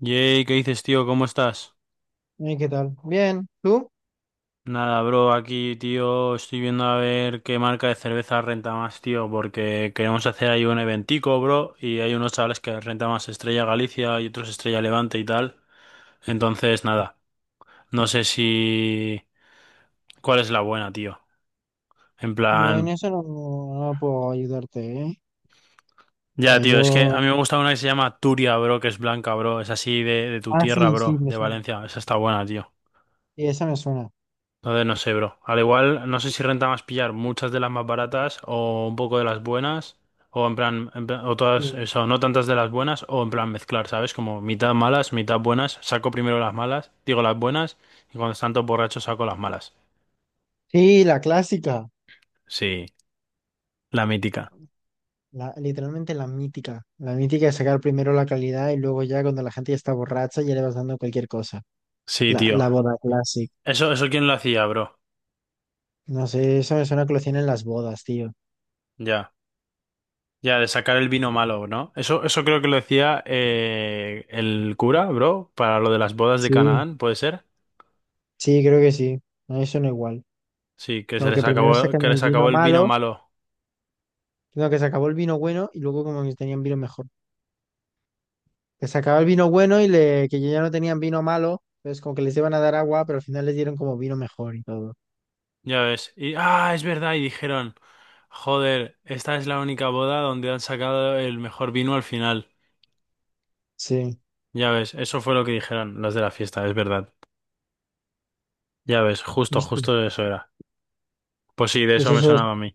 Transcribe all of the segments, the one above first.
Yay, ¿qué dices, tío? ¿Cómo estás? ¿Qué tal? Bien, ¿tú? Nada, bro, aquí, tío, estoy viendo a ver qué marca de cerveza renta más, tío, porque queremos hacer ahí un eventico, bro, y hay unos chavales que renta más Estrella Galicia y otros Estrella Levante y tal. Entonces, nada, no sé si... ¿Cuál es la buena, tío? En Yo en plan... eso no puedo ayudarte, ¿eh? O Ya, sea, tío, es que a mí yo... me gusta una que se llama Turia, bro, que es blanca, bro, es así de tu Ah, sí, tierra, sí, bro, me de suena. Valencia, esa está buena, tío. Sí, esa me suena. Entonces no sé, bro. Al igual, no sé si renta más pillar muchas de las más baratas o un poco de las buenas, o en plan, o todas, Sí. eso, no tantas de las buenas, o en plan mezclar, ¿sabes? Como mitad malas, mitad buenas, saco primero las malas, digo las buenas, y cuando están todos borrachos saco las malas. Sí, la clásica, Sí, la mítica. literalmente la mítica. La mítica de sacar primero la calidad y luego ya cuando la gente ya está borracha ya le vas dando cualquier cosa. Sí, La, tío. la boda classic. Eso quién lo hacía, bro. No sé, eso me suena que lo tienen las bodas, tío. Ya. Ya, de sacar el vino malo, ¿no? Eso creo que lo decía el cura, bro, para lo de las bodas de Sí, Canaán, ¿puede ser? sí, creo que sí. No, eso no igual. Sí, que se Como que les primero acabó, sacan que el les acabó vino el vino malo, malo. sino que se acabó el vino bueno y luego como que tenían vino mejor. Que sacaba el vino bueno y que ya no tenían vino malo, entonces como que les iban a dar agua, pero al final les dieron como vino mejor y todo. Ya ves. Y, ah, es verdad. Y dijeron, joder, esta es la única boda donde han sacado el mejor vino al final. Sí, Ya ves, eso fue lo que dijeron los de la fiesta, es verdad. Ya ves, justo, ¿viste? justo eso era. Pues sí, de Pues eso me eso es sonaba a mí.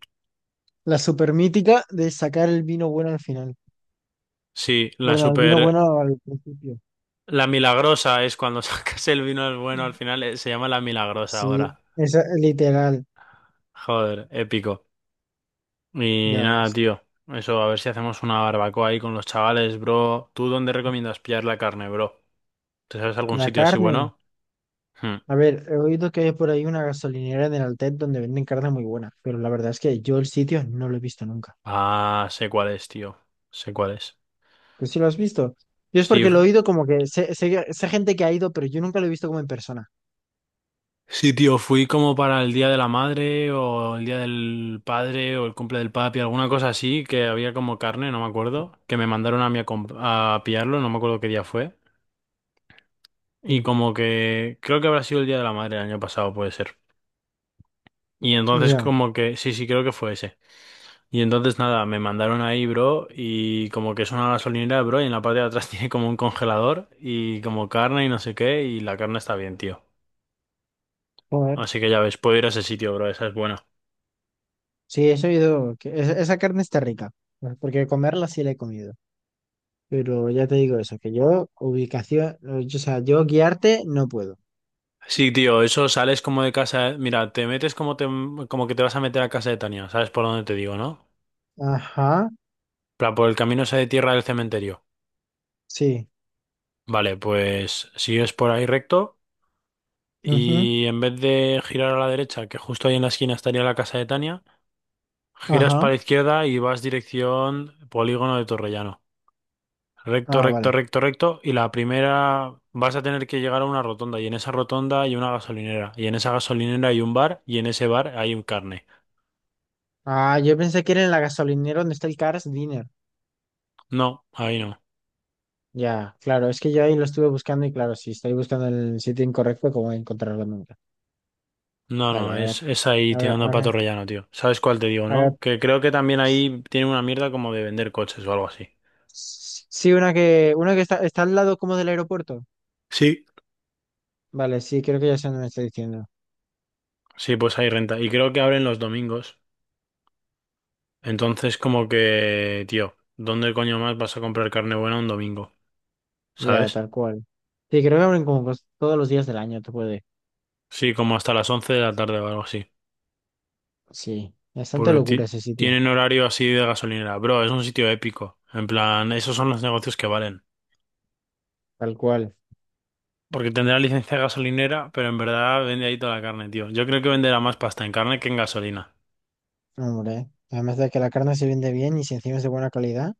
la super mítica de sacar el vino bueno al final. Sí, la Perdón, el vino super... bueno al principio. La milagrosa es cuando sacas el vino al bueno al final, se llama la milagrosa Sí, ahora. esa es literal, Joder, épico. Y ya nada, ves. tío. Eso, a ver si hacemos una barbacoa ahí con los chavales, bro. ¿Tú dónde recomiendas pillar la carne, bro? ¿Te sabes algún La sitio así carne. bueno? Hmm. A ver, he oído que hay por ahí una gasolinera en el Altet donde venden carne muy buena, pero la verdad es que yo el sitio no lo he visto nunca. Ah, sé cuál es, tío. Sé cuál es. ¿Pues sí lo has visto? Yo es Sí, porque lo he oído, como que sé, gente que ha ido, pero yo nunca lo he visto como en persona. sí, tío, fui como para el Día de la Madre o el Día del Padre o el cumple del papi, alguna cosa así, que había como carne, no me acuerdo, que me mandaron a mí a, a pillarlo, no me acuerdo qué día fue. Y Sí. como que creo que habrá sido el Día de la Madre el año pasado, puede ser. Y entonces Ya, como que, sí, sí, creo que fue ese. Y entonces nada, me mandaron ahí, bro, y como que es una gasolinera, bro, y en la parte de atrás tiene como un congelador y como carne y no sé qué, y la carne está bien, tío. joder. Así que ya ves, puedo ir a ese sitio, bro, esa es buena. Sí, eso he oído, que esa carne está rica, pues, porque comerla sí la he comido. Pero ya te digo eso, que yo ubicación, o sea, yo guiarte no puedo. Sí, tío, eso sales como de casa, ¿eh? Mira, te metes como te, como que te vas a meter a casa de Tania, ¿sabes por dónde te digo, no? Ajá, Para por el camino ese de tierra del cementerio. sí. Vale, pues sigues por ahí recto Ujú. y en vez de girar a la derecha, que justo ahí en la esquina estaría la casa de Tania, giras para Ajá. la izquierda y vas dirección Polígono de Torrellano. Recto, Ah, recto, vale. recto, recto. Y la primera vas a tener que llegar a una rotonda. Y en esa rotonda hay una gasolinera. Y en esa gasolinera hay un bar. Y en ese bar hay un carne. Ah, yo pensé que era en la gasolinera donde está el Cars Dinner. No, ahí no. Ya, claro, es que yo ahí lo estuve buscando y claro, si estoy buscando en el sitio incorrecto, ¿cómo voy a encontrarlo nunca? No, Vale, no, ahora, es ahí ahora, tirando a pato ahora, rellano, tío. ¿Sabes cuál te digo, ahora. no? Que creo que también ahí tienen una mierda como de vender coches o algo así. Sí, una que está al lado como del aeropuerto. Sí. Vale, sí, creo que ya sé dónde me está diciendo. Sí, pues hay renta. Y creo que abren los domingos. Entonces, como que, tío, ¿dónde coño más vas a comprar carne buena un domingo? Ya, ¿Sabes? tal cual. Sí, creo que abren como todos los días del año, tú puedes. Sí, como hasta las 11 de la tarde o algo así. Sí, bastante Porque locura ese sitio, tienen horario así de gasolinera. Bro, es un sitio épico. En plan, esos son los negocios que valen. tal cual. Porque tendrá licencia de gasolinera, pero en verdad vende ahí toda la carne, tío. Yo creo que venderá más pasta en carne que en gasolina. Hombre, además de que la carne se vende bien y si encima es de buena calidad.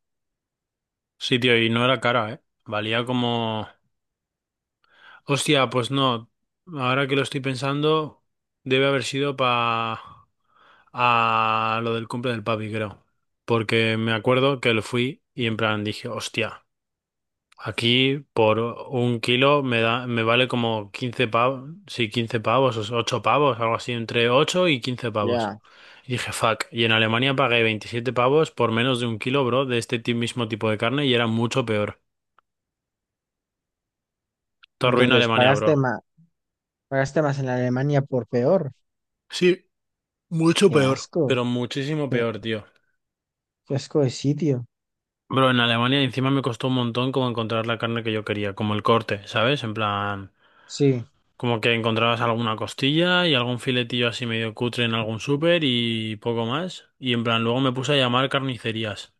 Sí, tío, y no era cara, ¿eh? Valía como... Hostia, pues no. Ahora que lo estoy pensando, debe haber sido pa... a lo del cumple del papi, creo. Porque me acuerdo que lo fui y en plan dije, hostia. Aquí por un kilo me da, me vale como 15 pavos, sí, 15 pavos, o 8 pavos, algo así, entre 8 y 15 pavos. Ya. Y dije, fuck, y en Alemania pagué 27 pavos por menos de un kilo, bro, de este mismo tipo de carne y era mucho peor. Te arruina Entonces, Alemania, bro. pagaste más en Alemania por peor. Sí, mucho Qué peor. asco, Pero muchísimo qué, peor, tío. qué asco de sitio. Bro, en Alemania encima me costó un montón como encontrar la carne que yo quería, como el corte, ¿sabes? En plan... Sí, Como que encontrabas alguna costilla y algún filetillo así medio cutre en algún súper y poco más. Y en plan, luego me puse a llamar carnicerías.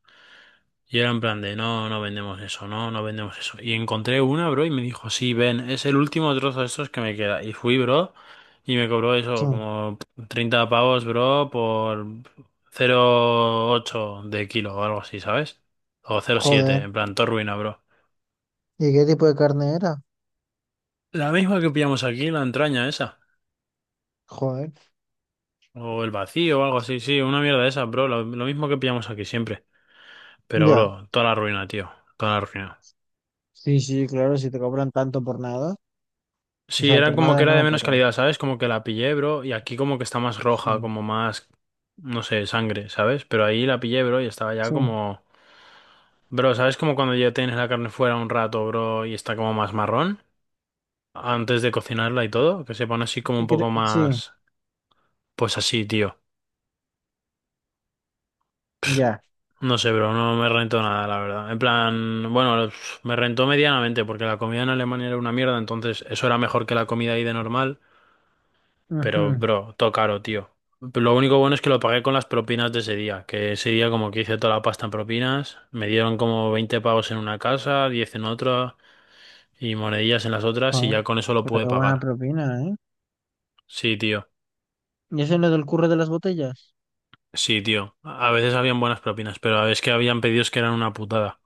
Y era en plan de, no, no vendemos eso, no, no vendemos eso. Y encontré una, bro, y me dijo, sí, ven, es el último trozo de estos que me queda. Y fui, bro, y me cobró sí, eso, como 30 pavos, bro, por 0,8 de kilo o algo así, ¿sabes? O 0,7 joder. en plan, todo ruina, bro. ¿Y qué tipo de carne era? La misma que pillamos aquí, la entraña esa. Joder. O el vacío o algo así, sí, una mierda de esas, bro. Lo mismo que pillamos aquí siempre. Pero, Ya. bro, toda la ruina, tío. Toda la ruina. Sí, sí, claro, si te cobran tanto por nada. O Sí, sea, era por como que nada era de no, menos pero calidad, ¿sabes? Como que la pillé, bro. Y aquí como que está más roja, sí, como más, no sé, sangre, ¿sabes? Pero ahí la pillé, bro, y estaba ya sí. como... Bro, ¿sabes? Como cuando ya tienes la carne fuera un rato, bro, y está como más marrón. Antes de cocinarla y todo. Que se pone así como un Sí, poco sí, más... Pues así, tío. ya. No sé, bro, no me rentó nada, la verdad. En plan, bueno, me rentó medianamente porque la comida en Alemania era una mierda, entonces eso era mejor que la comida ahí de normal, pero, Ujú. bro, todo caro, tío. Lo único bueno es que lo pagué con las propinas de ese día, que ese día como que hice toda la pasta en propinas, me dieron como 20 pavos en una casa, 10 en otra y monedillas en las otras y Joder, ya con eso lo pero pude qué buena pagar. propina, ¿eh? Sí, tío, ¿Y eso es lo del curro de las botellas? sí, tío. A veces habían buenas propinas, pero a veces que habían pedidos que eran una putada.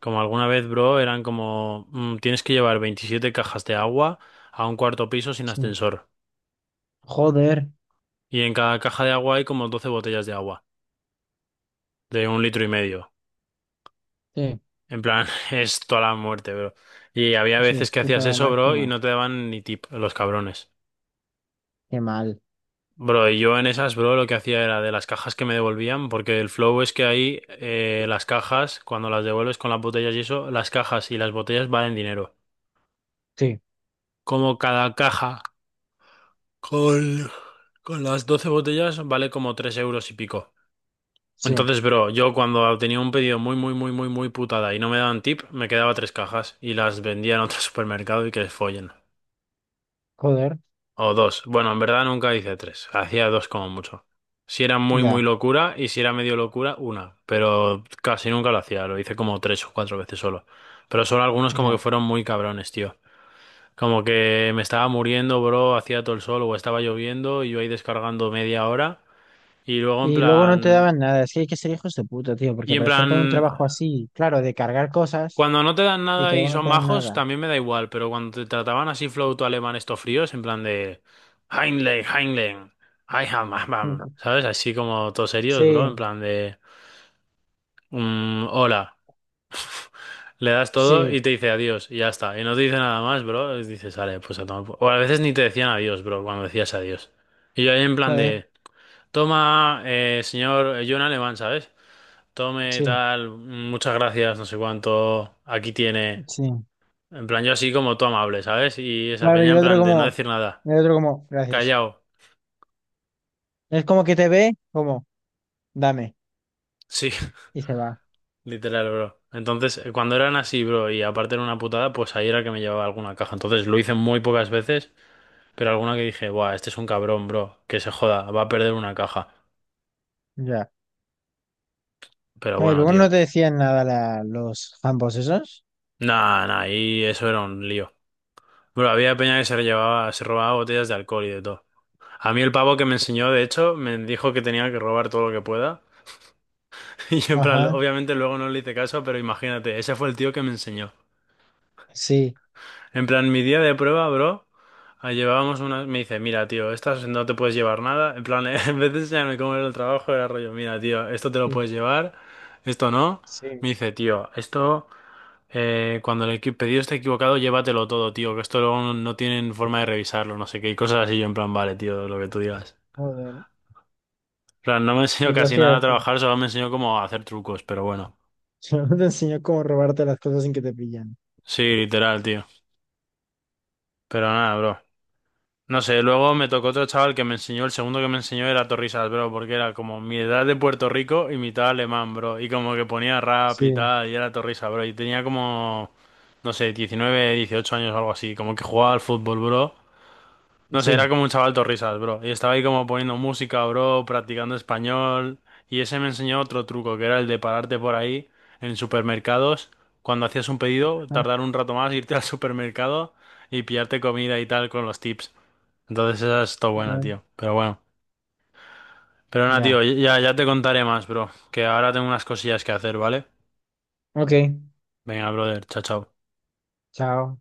Como alguna vez, bro, eran como, tienes que llevar 27 cajas de agua a un cuarto piso sin Sí. ascensor. Joder, Y en cada caja de agua hay como 12 botellas de agua, de un litro y medio. sí, En plan, es toda la muerte, bro. Y había sí, veces es que puta hacías eso, bro, y máxima. no te daban ni tip, los cabrones. Qué mal. Bro, y yo en esas, bro, lo que hacía era de las cajas que me devolvían, porque el flow es que ahí las cajas, cuando las devuelves con las botellas y eso, las cajas y las botellas valen dinero. Sí, Como cada caja, Con, con las 12 botellas, vale como 3 euros y pico. sí, Entonces, bro, yo cuando tenía un pedido muy, muy, muy, muy, muy putada y no me daban tip, me quedaba tres cajas y las vendía en otro supermercado y que les follen. joder, O dos. Bueno, en verdad nunca hice tres. Hacía dos como mucho. Si era muy, muy ya, locura y si era medio locura, una. Pero casi nunca lo hacía. Lo hice como tres o cuatro veces solo. Pero solo algunos como que ya. fueron muy cabrones, tío. Como que me estaba muriendo, bro, hacía todo el sol o estaba lloviendo y yo ahí descargando media hora. Y luego en Y luego no te plan... daban nada, es que hay que ser hijos de puta, tío, porque Y en aparecer con un plan, trabajo así, claro, de cargar cosas cuando no te dan y que nada y luego no son te den majos, nada. también me da igual, pero cuando te trataban así flauto alemán estos fríos, en plan de... Heinlein, Heinlein, I am, am, am", ¿sabes? Así como todos serios, bro, en Sí, plan de... "Mm, hola. Le das todo sí, y te dice adiós y ya está. Y no te dice nada más, bro. Y dices, vale, pues a tomar por-". O a veces ni te decían adiós, bro, cuando decías adiós. Y yo ahí en plan joder, de... Toma, señor, yo en alemán, ¿sabes? Tome, sí, tal, muchas gracias, no sé cuánto, aquí tiene. sí. En plan, yo así como tú amable, ¿sabes? Y esa Claro, y peña el en otro plan de no como, decir nada, el otro como, gracias. callao. Es como que te ve como, dame. Sí, Y se va, literal, bro. Entonces, cuando eran así, bro, y aparte era una putada, pues ahí era que me llevaba alguna caja. Entonces lo hice muy pocas veces, pero alguna que dije, buah, este es un cabrón, bro, que se joda, va a perder una caja. ya. Pero No, y bueno, luego tío. no te decían nada, los ambos esos. Nah, nah, y eso era un lío. Bro, había peña que se llevaba, se robaba botellas de alcohol y de todo. A mí el pavo que me enseñó, de hecho, me dijo que tenía que robar todo lo que pueda. Y yo, en plan, Ajá, obviamente luego no le hice caso, pero imagínate, ese fue el tío que me enseñó. sí, En plan, mi día de prueba, bro, llevábamos una... Me dice, mira, tío, estas no te puedes llevar nada. En plan, en vez de enseñarme cómo era el trabajo, era rollo, mira, tío, esto te lo sí, puedes llevar, esto no. sí, Me dice, tío, esto, cuando el pedido esté equivocado, llévatelo todo, tío, que esto luego no, no tienen forma de revisarlo, no sé qué, y cosas así. Yo, en plan, vale, tío, lo que tú digas. joder. Plan, no me enseñó Y tú casi nada a hacías, trabajar, solo me enseñó cómo hacer trucos, pero bueno. solo te enseñó cómo robarte las cosas sin que te pillan. Sí, literal, tío. Pero nada, bro. No sé, luego me tocó otro chaval que me enseñó, el segundo que me enseñó era Torrisas, bro, porque era como mi edad de Puerto Rico y mitad alemán, bro. Y como que ponía rap y Sí, tal, y era Torrisas, bro. Y tenía como, no sé, 19, 18 años o algo así, como que jugaba al fútbol, bro. No sé, era sí, como un chaval risas, bro. Y estaba ahí como poniendo música, bro, practicando español. Y ese me enseñó otro truco, que era el de pararte por ahí en supermercados. Cuando hacías un pedido, ah, tardar un rato más, irte al supermercado y pillarte comida y tal con los tips. Entonces esa es todo buena, joder, tío. Pero bueno. Pero nada, tío, ya. ya, ya te contaré más, bro. Que ahora tengo unas cosillas que hacer, ¿vale? Ok, Venga, brother, chao, chao. chao.